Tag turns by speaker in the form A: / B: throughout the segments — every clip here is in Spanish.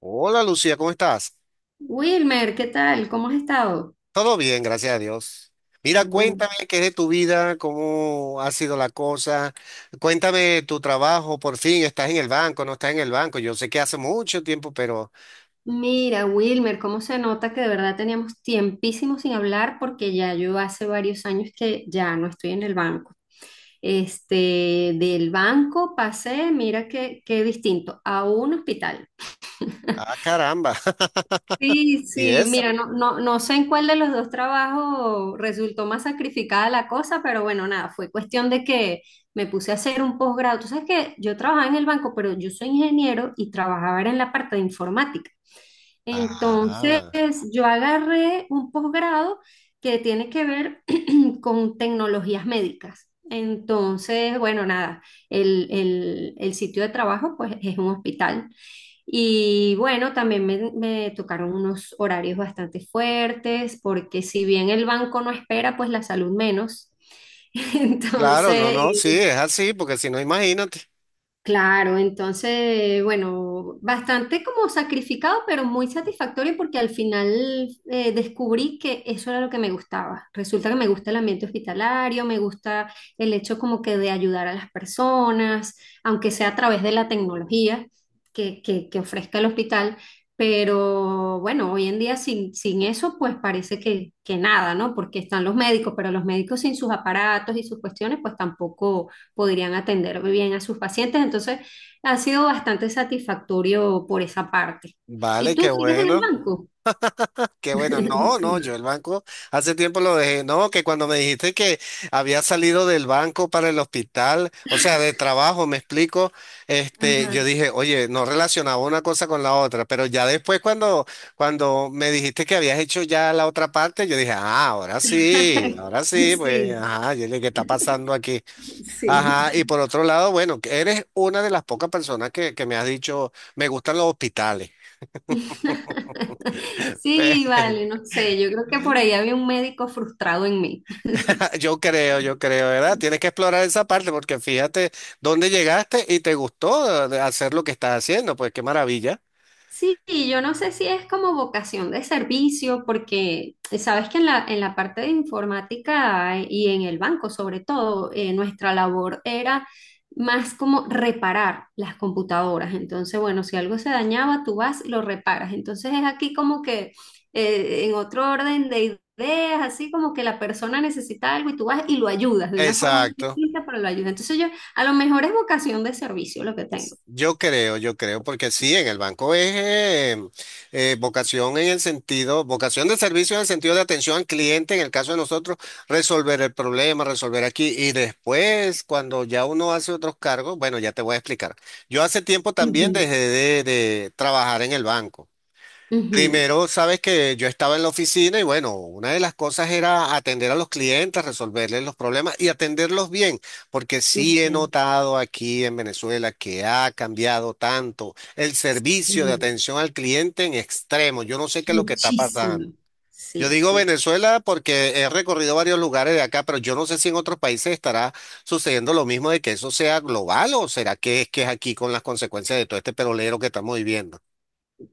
A: Hola Lucía, ¿cómo estás?
B: Wilmer, ¿qué tal? ¿Cómo has estado?
A: Todo bien, gracias a Dios. Mira,
B: Qué bueno.
A: cuéntame qué es de tu vida, cómo ha sido la cosa. Cuéntame tu trabajo, por fin, ¿estás en el banco, no estás en el banco? Yo sé que hace mucho tiempo, pero...
B: Mira, Wilmer, cómo se nota que de verdad teníamos tiempísimo sin hablar porque ya yo hace varios años que ya no estoy en el banco. Del banco pasé, mira qué distinto, a un hospital.
A: Ah, caramba.
B: Sí,
A: ¿Y
B: sí,
A: eso?
B: mira, no, no, no sé en cuál de los dos trabajos resultó más sacrificada la cosa, pero bueno, nada, fue cuestión de que me puse a hacer un posgrado. Tú sabes que yo trabajaba en el banco, pero yo soy ingeniero y trabajaba era en la parte de informática. Entonces,
A: Ah,
B: yo agarré un posgrado que tiene que ver con tecnologías médicas. Entonces, bueno, nada, el sitio de trabajo pues es un hospital. Y bueno, también me tocaron unos horarios bastante fuertes, porque si bien el banco no espera, pues la salud menos.
A: claro, no,
B: Entonces,
A: no, sí, es así, porque si no, imagínate.
B: claro, entonces, bueno, bastante como sacrificado, pero muy satisfactorio porque al final descubrí que eso era lo que me gustaba. Resulta que me gusta el ambiente hospitalario, me gusta el hecho como que de ayudar a las personas, aunque sea a través de la tecnología que ofrezca el hospital. Pero bueno, hoy en día sin eso, pues parece que nada, ¿no? Porque están los médicos, pero los médicos sin sus aparatos y sus cuestiones, pues tampoco podrían atender bien a sus pacientes. Entonces, ha sido bastante satisfactorio por esa parte. ¿Y
A: Vale,
B: tú
A: qué
B: sigues en el
A: bueno.
B: banco?
A: Qué bueno, no, no,
B: Sí.
A: yo el banco hace tiempo lo dejé, no, que cuando me dijiste que había salido del banco para el hospital, o sea, de trabajo, me explico,
B: Ajá.
A: yo dije, oye, no relacionaba una cosa con la otra, pero ya después cuando me dijiste que habías hecho ya la otra parte, yo dije, ah, ahora sí, pues,
B: Sí,
A: ajá, yo dije, ¿qué está pasando aquí?
B: sí.
A: Ajá, y por otro lado, bueno, que eres una de las pocas personas que me has dicho, me gustan los hospitales.
B: Sí,
A: Pe-
B: vale, no sé, yo creo que por ahí había un médico frustrado en mí.
A: Yo creo, ¿verdad? Tienes que explorar esa parte porque fíjate dónde llegaste y te gustó hacer lo que estás haciendo, pues qué maravilla.
B: Sí, yo no sé si es como vocación de servicio, porque sabes que en en la parte de informática y en el banco sobre todo, nuestra labor era más como reparar las computadoras. Entonces, bueno, si algo se dañaba, tú vas y lo reparas. Entonces es aquí como que en otro orden de ideas, así como que la persona necesita algo y tú vas y lo ayudas de una forma muy
A: Exacto,
B: distinta, pero lo ayudas. Entonces yo, a lo mejor es vocación de servicio lo que tengo.
A: yo creo, porque sí, en el banco es vocación en el sentido, vocación de servicio en el sentido de atención al cliente, en el caso de nosotros, resolver el problema, resolver aquí y después, cuando ya uno hace otros cargos, bueno, ya te voy a explicar. Yo hace tiempo también
B: Ujú,
A: dejé de trabajar en el banco.
B: ujú,
A: Primero, sabes que yo estaba en la oficina y bueno, una de las cosas era atender a los clientes, resolverles los problemas y atenderlos bien, porque sí
B: ok.
A: he notado aquí en Venezuela que ha cambiado tanto el servicio de
B: Sí,
A: atención al cliente en extremo. Yo no sé qué es lo que está pasando.
B: muchísimo.
A: Yo
B: Sí,
A: digo
B: sí.
A: Venezuela porque he recorrido varios lugares de acá, pero yo no sé si en otros países estará sucediendo lo mismo de que eso sea global o será que es aquí con las consecuencias de todo este perolero que estamos viviendo.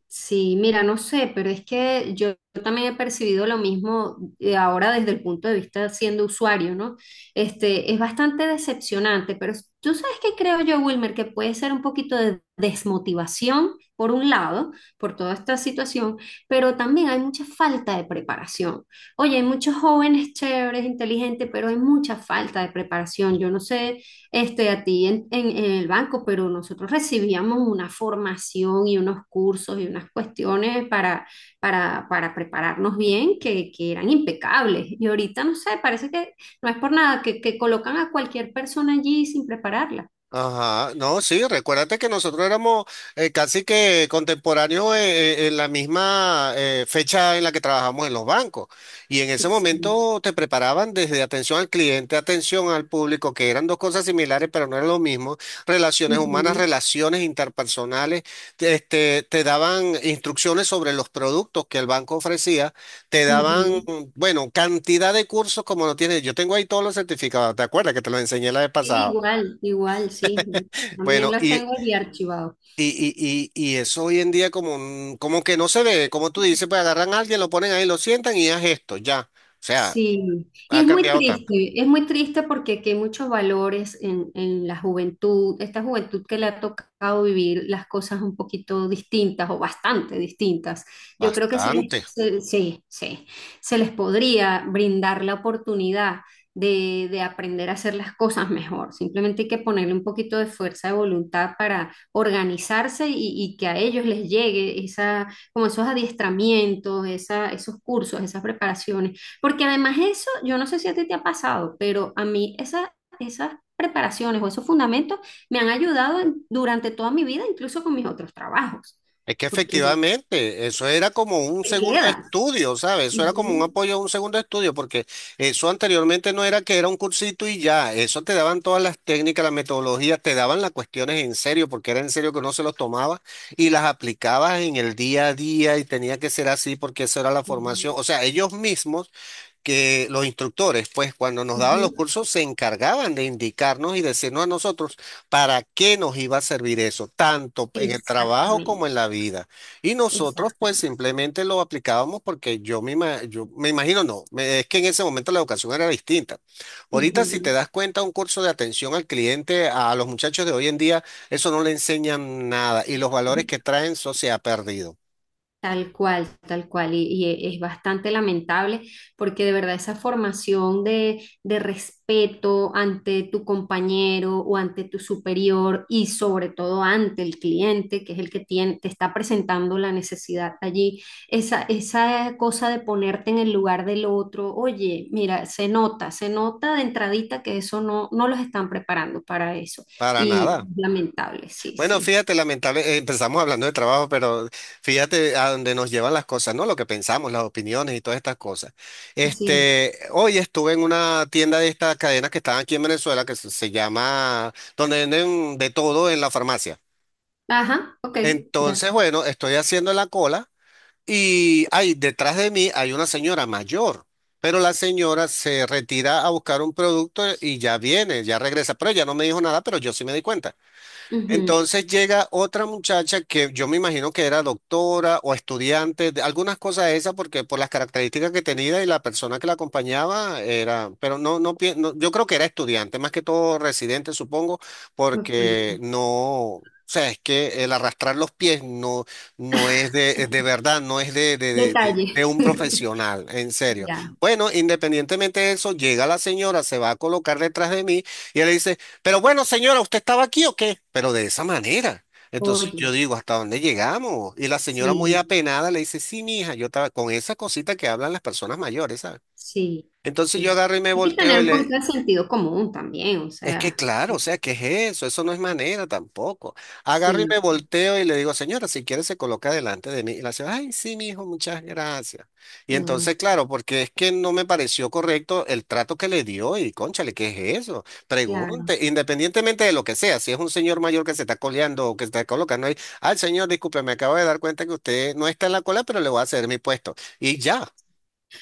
B: Sí, mira, no sé, pero es que yo también he percibido lo mismo ahora desde el punto de vista siendo usuario, ¿no? Es bastante decepcionante, pero tú sabes que creo yo, Wilmer, que puede ser un poquito de desmotivación, por un lado, por toda esta situación, pero también hay mucha falta de preparación. Oye, hay muchos jóvenes chéveres, inteligentes, pero hay mucha falta de preparación. Yo no sé. A ti en el banco, pero nosotros recibíamos una formación y unos cursos y unas cuestiones para prepararnos bien que eran impecables. Y ahorita, no sé, parece que no es por nada, que colocan a cualquier persona allí sin prepararla.
A: Ajá, no, sí, recuérdate que nosotros éramos casi que contemporáneos en la misma fecha en la que trabajamos en los bancos. Y en ese
B: Sí.
A: momento te preparaban desde atención al cliente, atención al público, que eran dos cosas similares, pero no era lo mismo. Relaciones humanas,
B: Ujú,
A: relaciones interpersonales, te daban instrucciones sobre los productos que el banco ofrecía, te daban,
B: ujú.
A: bueno, cantidad de cursos como no tienes. Yo tengo ahí todos los certificados, ¿te acuerdas que te los enseñé la vez
B: Sí,
A: pasada?
B: igual, igual, sí. También
A: Bueno,
B: los tengo bien archivados.
A: y, y eso hoy en día como que no se ve, como tú dices, pues agarran a alguien, lo ponen ahí, lo sientan y haz esto, ya. O sea,
B: Sí, y
A: ha cambiado tanto.
B: es muy triste porque aquí hay muchos valores en la juventud, esta juventud que le ha tocado vivir las cosas un poquito distintas o bastante distintas. Yo creo que
A: Bastante.
B: sí, sí, se les podría brindar la oportunidad de aprender a hacer las cosas mejor. Simplemente hay que ponerle un poquito de fuerza de voluntad para organizarse y que a ellos les llegue esa, como esos adiestramientos, esa, esos cursos, esas preparaciones porque además eso, yo no sé si a ti te ha pasado, pero a mí esas, esas preparaciones o esos fundamentos me han ayudado durante toda mi vida, incluso con mis otros trabajos,
A: Es que
B: porque
A: efectivamente, eso era como un
B: te
A: segundo
B: quedan.
A: estudio, ¿sabes? Eso era como un
B: Ujú,
A: apoyo a un segundo estudio, porque eso anteriormente no era que era un cursito y ya, eso te daban todas las técnicas, las metodologías, te daban las cuestiones en serio, porque era en serio que uno se los tomaba y las aplicabas en el día a día y tenía que ser así porque esa era la formación.
B: ujú,
A: O sea, ellos mismos que los instructores, pues cuando nos daban los
B: ujú.
A: cursos, se encargaban de indicarnos y decirnos a nosotros para qué nos iba a servir eso, tanto en el trabajo
B: Exactamente,
A: como en la vida. Y nosotros, pues
B: exactamente.
A: simplemente lo aplicábamos porque yo me imagino, no, me- es que en ese momento la educación era distinta. Ahorita, si te
B: Ujú,
A: das cuenta, un curso de atención al cliente, a los muchachos de hoy en día, eso no le enseñan nada y los valores
B: ujú.
A: que traen, eso se ha perdido.
B: Tal cual, y, es bastante lamentable porque de verdad esa formación de respeto ante tu compañero o ante tu superior y sobre todo ante el cliente, que es el que tiene, te está presentando la necesidad allí, esa cosa de ponerte en el lugar del otro, oye, mira, se nota de entradita que eso no, no los están preparando para eso
A: Para
B: y
A: nada.
B: lamentable, sí,
A: Bueno,
B: sí,
A: fíjate, lamentable, empezamos hablando de trabajo, pero fíjate a dónde nos llevan las cosas, ¿no? Lo que pensamos, las opiniones y todas estas cosas.
B: así es.
A: Hoy estuve en una tienda de estas cadenas que están aquí en Venezuela, que se llama, donde venden de todo en la farmacia.
B: Ajá, ok, ya
A: Entonces, bueno, estoy haciendo la cola y ahí detrás de mí hay una señora mayor, pero la señora se retira a buscar un producto y ya viene, ya regresa, pero ella no me dijo nada, pero yo sí me di cuenta.
B: sé.
A: Entonces llega otra muchacha que yo me imagino que era doctora o estudiante, de algunas cosas de esas, porque por las características que tenía y la persona que la acompañaba era, pero no, no, no, yo creo que era estudiante, más que todo residente, supongo,
B: Ok.
A: porque no, o sea, es que el arrastrar los pies no, no es de verdad, no es de,
B: Detalle.
A: de un profesional, en serio.
B: Ya.
A: Bueno, independientemente de eso, llega la señora, se va a colocar detrás de mí y él dice, pero bueno, señora, ¿usted estaba aquí o qué? Pero de esa manera. Entonces yo
B: Oye,
A: digo, ¿hasta dónde llegamos? Y la señora muy
B: sí,
A: apenada le dice, sí, mija, yo estaba con esa cosita que hablan las personas mayores, ¿sabes?
B: sí,
A: Entonces yo
B: sí.
A: agarro y me
B: Hay que
A: volteo
B: tener
A: y
B: un poquito
A: le,
B: de sentido común también, o
A: es que
B: sea,
A: claro, o sea, ¿qué es eso? Eso no es manera tampoco. Agarro y
B: sí.
A: me volteo y le digo, señora, si quiere se coloca delante de mí. Y la señora, ay, sí, mi hijo, muchas gracias. Y
B: Ah,
A: entonces, claro, porque es que no me pareció correcto el trato que le dio y, cónchale, ¿qué es eso?
B: claro.
A: Pregunte, independientemente de lo que sea, si es un señor mayor que se está coleando o que se está colocando ahí, ay, señor, disculpe, me acabo de dar cuenta que usted no está en la cola, pero le voy a ceder mi puesto. Y ya,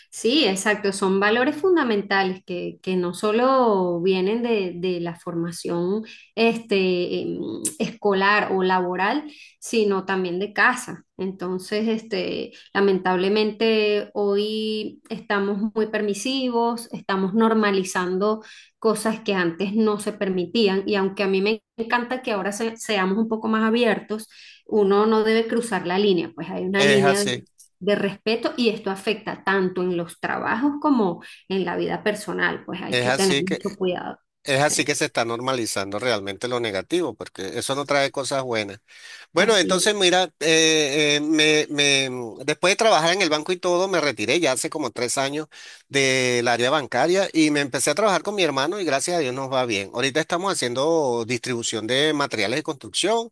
B: Sí, exacto, son valores fundamentales que no solo vienen de la formación este, em, escolar o laboral, sino también de casa. Entonces, lamentablemente hoy estamos muy permisivos, estamos normalizando cosas que antes no se permitían y aunque a mí me encanta que ahora seamos un poco más abiertos, uno no debe cruzar la línea, pues hay una
A: es
B: línea
A: así,
B: de respeto y esto afecta tanto en los trabajos como en la vida personal, pues hay
A: es
B: que tener
A: así que...
B: mucho cuidado.
A: Es así que
B: Sí,
A: se está normalizando realmente lo negativo, porque eso no trae cosas buenas. Bueno,
B: así es.
A: entonces mira, después de trabajar en el banco y todo, me retiré ya hace como 3 años del área bancaria y me empecé a trabajar con mi hermano y gracias a Dios nos va bien. Ahorita estamos haciendo distribución de materiales de construcción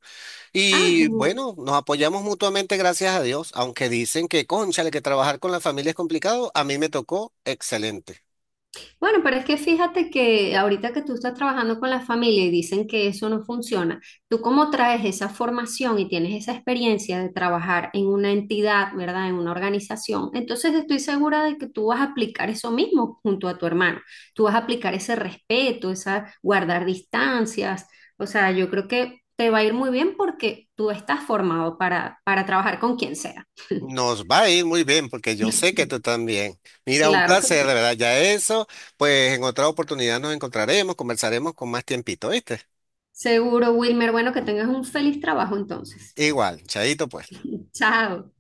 B: Ah,
A: y
B: genial.
A: bueno, nos apoyamos mutuamente, gracias a Dios, aunque dicen que, cónchale, que trabajar con la familia es complicado, a mí me tocó excelente.
B: Bueno, pero es que fíjate que ahorita que tú estás trabajando con la familia y dicen que eso no funciona, tú como traes esa formación y tienes esa experiencia de trabajar en una entidad, ¿verdad? En una organización, entonces estoy segura de que tú vas a aplicar eso mismo junto a tu hermano. Tú vas a aplicar ese respeto, esa guardar distancias. O sea, yo creo que te va a ir muy bien porque tú estás formado para trabajar con quien sea.
A: Nos va a ir muy bien porque yo sé que tú también. Mira, un
B: Claro que
A: placer, de
B: sí.
A: verdad. Ya eso, pues en otra oportunidad nos encontraremos, conversaremos con más tiempito, ¿viste?
B: Seguro, Wilmer. Bueno, que tengas un feliz trabajo entonces.
A: Igual, chaito pues.
B: Chao.